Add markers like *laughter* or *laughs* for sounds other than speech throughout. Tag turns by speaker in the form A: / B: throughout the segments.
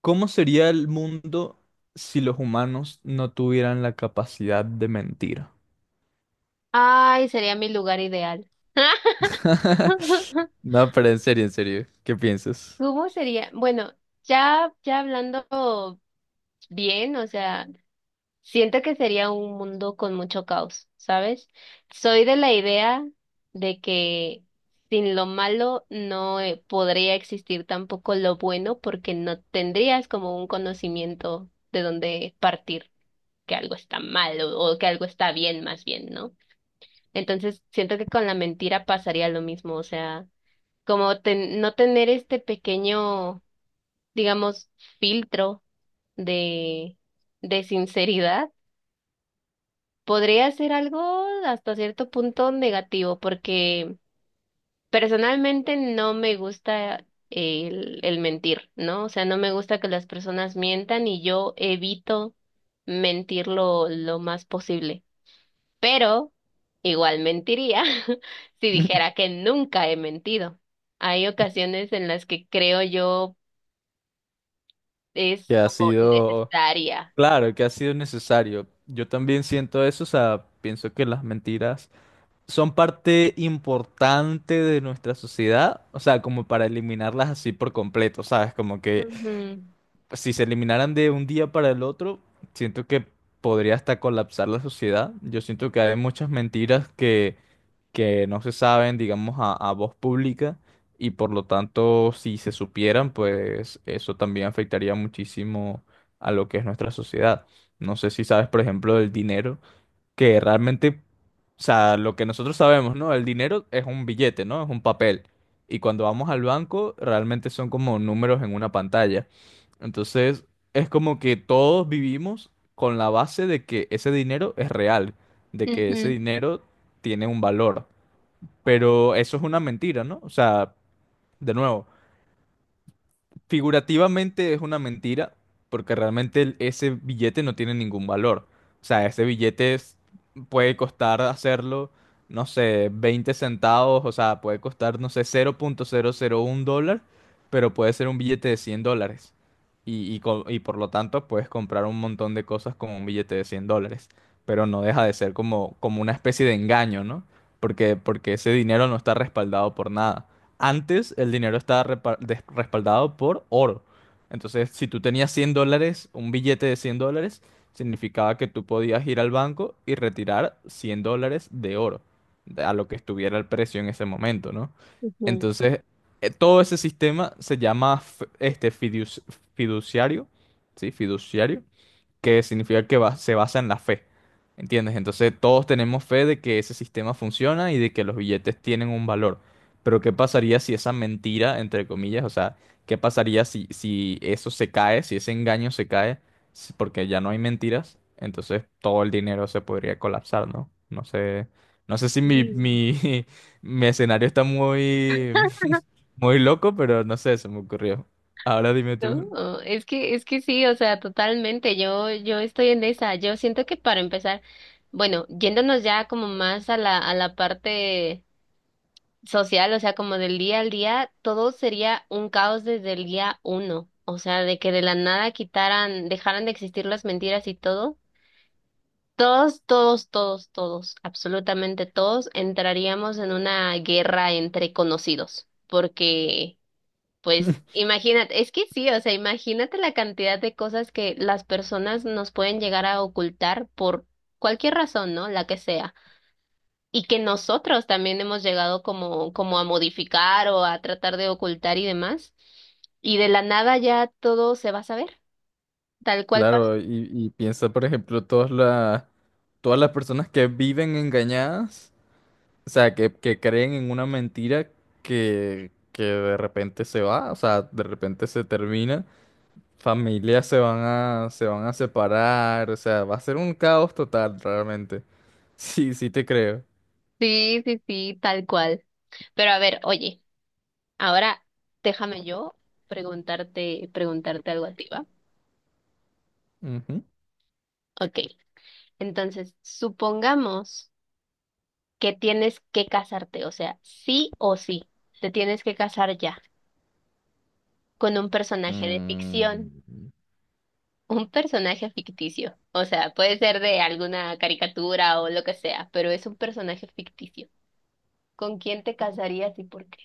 A: ¿Cómo sería el mundo si los humanos no tuvieran la capacidad de mentir?
B: Ay, sería mi lugar ideal.
A: *laughs*
B: *laughs*
A: No, pero en serio, ¿qué piensas?
B: ¿Cómo sería? Bueno, ya hablando bien, o sea, siento que sería un mundo con mucho caos, ¿sabes? Soy de la idea de que sin lo malo no podría existir tampoco lo bueno porque no tendrías como un conocimiento de dónde partir, que algo está mal o que algo está bien más bien, ¿no? Entonces, siento que con la mentira pasaría lo mismo, o sea, como no tener este pequeño, digamos, filtro de, de sinceridad, podría ser algo hasta cierto punto negativo, porque personalmente no me gusta el mentir, ¿no? O sea, no me gusta que las personas mientan y yo evito mentir lo más posible. Pero igual mentiría *laughs* si dijera
A: *laughs*
B: que nunca he mentido. Hay ocasiones en las que creo yo
A: Que
B: es
A: ha
B: como
A: sido,
B: necesaria.
A: claro, que ha sido necesario. Yo también siento eso, o sea, pienso que las mentiras son parte importante de nuestra sociedad, o sea, como para eliminarlas así por completo, ¿sabes? Como que
B: Ujú,
A: si se eliminaran de un día para el otro, siento que podría hasta colapsar la sociedad. Yo siento que hay muchas mentiras que no se saben, digamos, a voz pública y por lo tanto, si se supieran, pues eso también afectaría muchísimo a lo que es nuestra sociedad. No sé si sabes, por ejemplo, del dinero que realmente, o sea, lo que nosotros sabemos, ¿no? El dinero es un billete, ¿no? Es un papel. Y cuando vamos al banco, realmente son como números en una pantalla. Entonces, es como que todos vivimos con la base de que ese dinero es real, de que ese
B: ujú,
A: dinero tiene un valor. Pero eso es una mentira, ¿no? O sea, de nuevo. Figurativamente es una mentira, porque realmente ese billete no tiene ningún valor. O sea, ese billete puede costar hacerlo, no sé, 20 centavos, o sea, puede costar, no sé, 0,001 dólar, pero puede ser un billete de 100 dólares. Y por lo tanto puedes comprar un montón de cosas con un billete de 100 dólares, pero no deja de ser como, como una especie de engaño, ¿no? Porque ese dinero no está respaldado por nada. Antes el dinero estaba respaldado por oro. Entonces, si tú tenías 100 dólares, un billete de 100 dólares, significaba que tú podías ir al banco y retirar 100 dólares de oro, a lo que estuviera el precio en ese momento, ¿no?
B: ujú.
A: Entonces, todo ese sistema se llama este fiduciario, ¿sí? Fiduciario, que significa que se basa en la fe. ¿Entiendes? Entonces todos tenemos fe de que ese sistema funciona y de que los billetes tienen un valor. Pero ¿qué pasaría si esa mentira, entre comillas, o sea, qué pasaría si eso se cae, si ese engaño se cae, porque ya no hay mentiras? Entonces todo el dinero se podría colapsar, ¿no? No sé si
B: Sí.
A: *laughs* mi escenario está muy,
B: Ajá.
A: *laughs* muy loco, pero no sé, se me ocurrió. Ahora dime tú.
B: No, es que sí, o sea, totalmente, yo estoy en esa, yo siento que para empezar, bueno, yéndonos ya como más a la parte social, o sea, como del día al día, todo sería un caos desde el día uno, o sea, de que de la nada quitaran, dejaran de existir las mentiras y todo. Todos, todos, todos, todos, absolutamente todos entraríamos en una guerra entre conocidos, porque, pues, imagínate, es que sí, o sea, imagínate la cantidad de cosas que las personas nos pueden llegar a ocultar por cualquier razón, ¿no? La que sea, y que nosotros también hemos llegado como, como a modificar o a tratar de ocultar y demás, y de la nada ya todo se va a saber, tal cual pasó.
A: Claro, y piensa, por ejemplo, todas las personas que viven engañadas, o sea, que creen en una mentira que de repente se va, o sea, de repente se termina, familias se van a separar, o sea, va a ser un caos total realmente. *laughs* Sí, sí te creo.
B: Sí, sí, sí, tal cual. Pero a ver, oye. Ahora déjame yo preguntarte algo a ti, ¿va?
A: Ujú.
B: Ok. Entonces, supongamos que tienes que casarte, o sea, sí o sí, te tienes que casar ya con un personaje de ficción,
A: Mm,
B: un personaje ficticio. O sea, puede ser de alguna caricatura o lo que sea, pero es un personaje ficticio. ¿Con quién te casarías y por qué?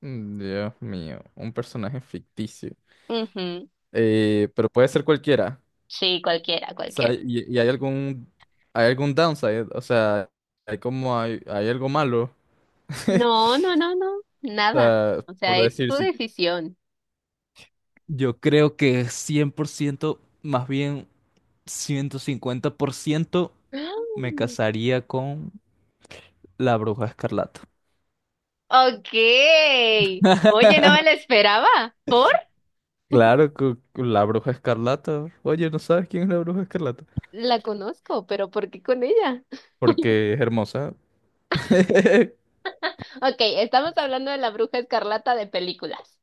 A: Dios mío, un personaje ficticio.
B: Ujú.
A: Pero puede ser cualquiera.
B: Sí, cualquiera,
A: O sea,
B: cualquiera.
A: y hay algún downside, o sea, hay algo malo. *laughs*
B: No, no, no, no,
A: O
B: nada.
A: sea,
B: O sea,
A: por
B: es
A: decir,
B: tu
A: si,
B: decisión.
A: yo creo que 100%, más bien 150%, me
B: *gasps*
A: casaría con la Bruja Escarlata.
B: Ok. Oye, no me la
A: *laughs*
B: esperaba. ¿Por?
A: Claro, la Bruja Escarlata, oye, ¿no sabes quién es la Bruja Escarlata?
B: La conozco, pero ¿por qué con ella?
A: Porque es hermosa. *laughs*
B: Ok, estamos hablando de la Bruja Escarlata de películas.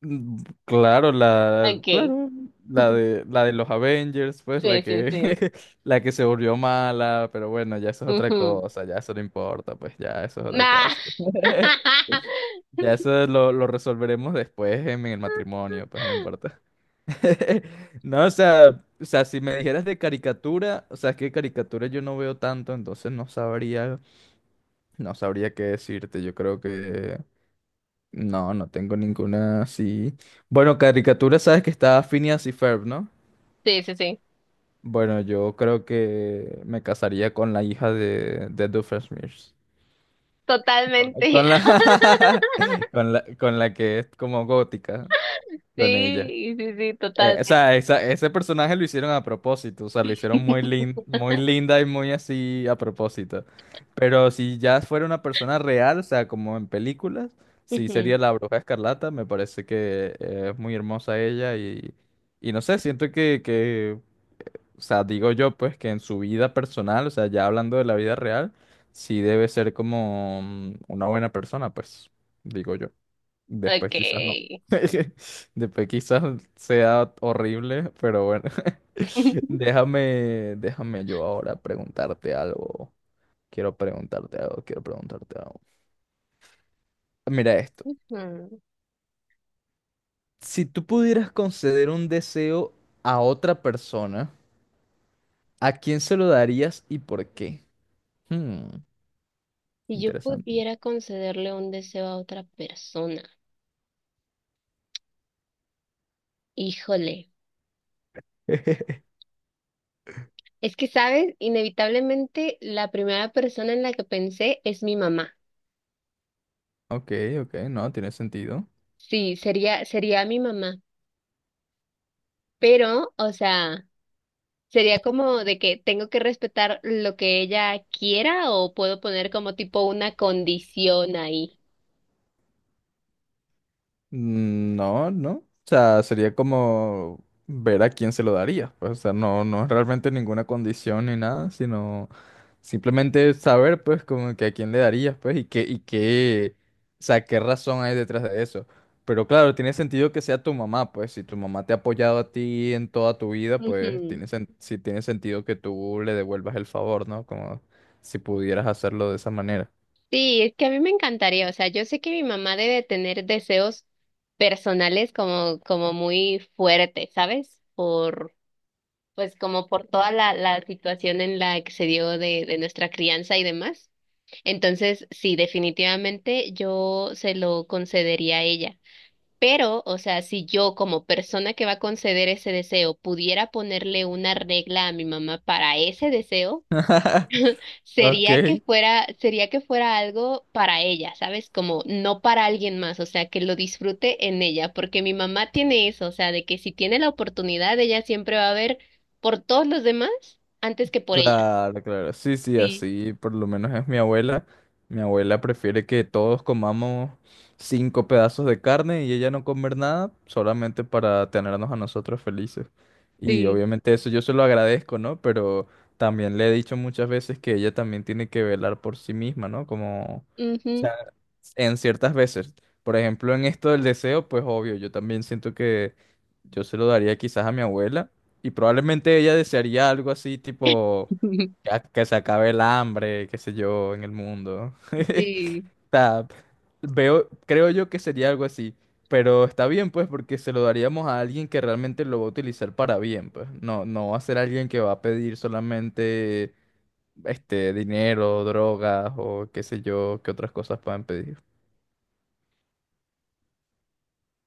A: Mm, Claro,
B: Ok.
A: claro, la de los Avengers, pues, la
B: Sí, sí,
A: que,
B: sí.
A: *laughs* la que se volvió mala, pero bueno, ya eso es otra
B: Ujú.
A: cosa, ya eso no importa, pues, ya eso es otra
B: Nah.
A: cosa.
B: *laughs*
A: *laughs* Ya eso lo resolveremos después en el matrimonio, pues no importa. *laughs* No, o sea, si me dijeras de caricatura, o sea, es que caricatura yo no veo tanto, entonces no sabría, no sabría qué decirte. Yo creo que no, no tengo ninguna así. Bueno, caricatura, sabes que está Phineas y Ferb, ¿no?
B: Sí, sí, sí.
A: Bueno, yo creo que me casaría con la hija de Doofenshmirtz. Con,
B: Totalmente.
A: con
B: *laughs*
A: la, *laughs* con la que es como gótica, con ella.
B: Sí, sí, sí,
A: O
B: totalmente.
A: sea, ese personaje lo hicieron a propósito, o sea, lo hicieron
B: *laughs*
A: muy linda y muy así a propósito. Pero si ya fuera una persona real, o sea, como en películas, sí
B: Ujú.
A: sería la Bruja Escarlata. Me parece que es muy hermosa ella y no sé, siento o sea, digo yo pues que en su vida personal, o sea, ya hablando de la vida real, sí debe ser como una buena persona, pues, digo yo. Después quizás no.
B: Ok.
A: *laughs* Después quizás sea horrible, pero bueno. *laughs*
B: *laughs*
A: Déjame yo ahora preguntarte algo. Quiero preguntarte algo, quiero preguntarte algo. Mira esto.
B: Ujú.
A: Si tú pudieras conceder un deseo a otra persona, ¿a quién se lo darías y por qué? Hmm,
B: Si yo
A: interesante.
B: pudiera concederle un deseo a otra persona, híjole.
A: *laughs*
B: Es que, ¿sabes? Inevitablemente la primera persona en la que pensé es mi mamá.
A: Ok, ok, no, tiene sentido.
B: Sí, sería mi mamá. Pero, o sea, sería como de que tengo que respetar lo que ella quiera o puedo poner como tipo una condición ahí.
A: No, no. O sea, sería como ver a quién se lo daría. Pues, o sea, no, no es realmente ninguna condición ni nada, sino simplemente saber, pues, como que a quién le darías, pues, y qué, o sea, qué razón hay detrás de eso. Pero claro, tiene sentido que sea tu mamá, pues, si tu mamá te ha apoyado a ti en toda tu vida, pues,
B: Ujú.
A: sí tiene sentido que tú le devuelvas el favor, ¿no? Como si pudieras hacerlo de esa manera.
B: Sí, es que a mí me encantaría. O sea, yo sé que mi mamá debe tener deseos personales como, como muy fuertes, ¿sabes? Por pues como por toda la situación en la que se dio de nuestra crianza y demás. Entonces, sí, definitivamente yo se lo concedería a ella. Pero, o sea, si yo como persona que va a conceder ese deseo pudiera ponerle una regla a mi mamá para ese deseo,
A: *laughs* Ok.
B: sería que fuera algo para ella, ¿sabes? Como no para alguien más, o sea, que lo disfrute en ella, porque mi mamá tiene eso, o sea, de que si tiene la oportunidad, ella siempre va a ver por todos los demás antes que por ella.
A: Claro, claro. Sí, sí,
B: Sí,
A: así por lo menos es mi abuela. Mi abuela prefiere que todos comamos cinco pedazos de carne y ella no comer nada solamente para tenernos a nosotros felices. Y
B: sí.
A: obviamente eso yo se lo agradezco, ¿no? Pero también le he dicho muchas veces que ella también tiene que velar por sí misma, ¿no? Como
B: Ujú.
A: en ciertas veces. Por ejemplo, en esto del deseo, pues obvio, yo también siento que yo se lo daría quizás a mi abuela, y probablemente ella desearía algo así tipo
B: *laughs*
A: ya que se acabe el hambre, qué sé yo, en el mundo. *laughs*
B: Sí,
A: O sea, veo, creo yo que sería algo así, pero está bien pues porque se lo daríamos a alguien que realmente lo va a utilizar para bien, pues. No, no va a ser alguien que va a pedir solamente este dinero, drogas o qué sé yo, qué otras cosas puedan pedir.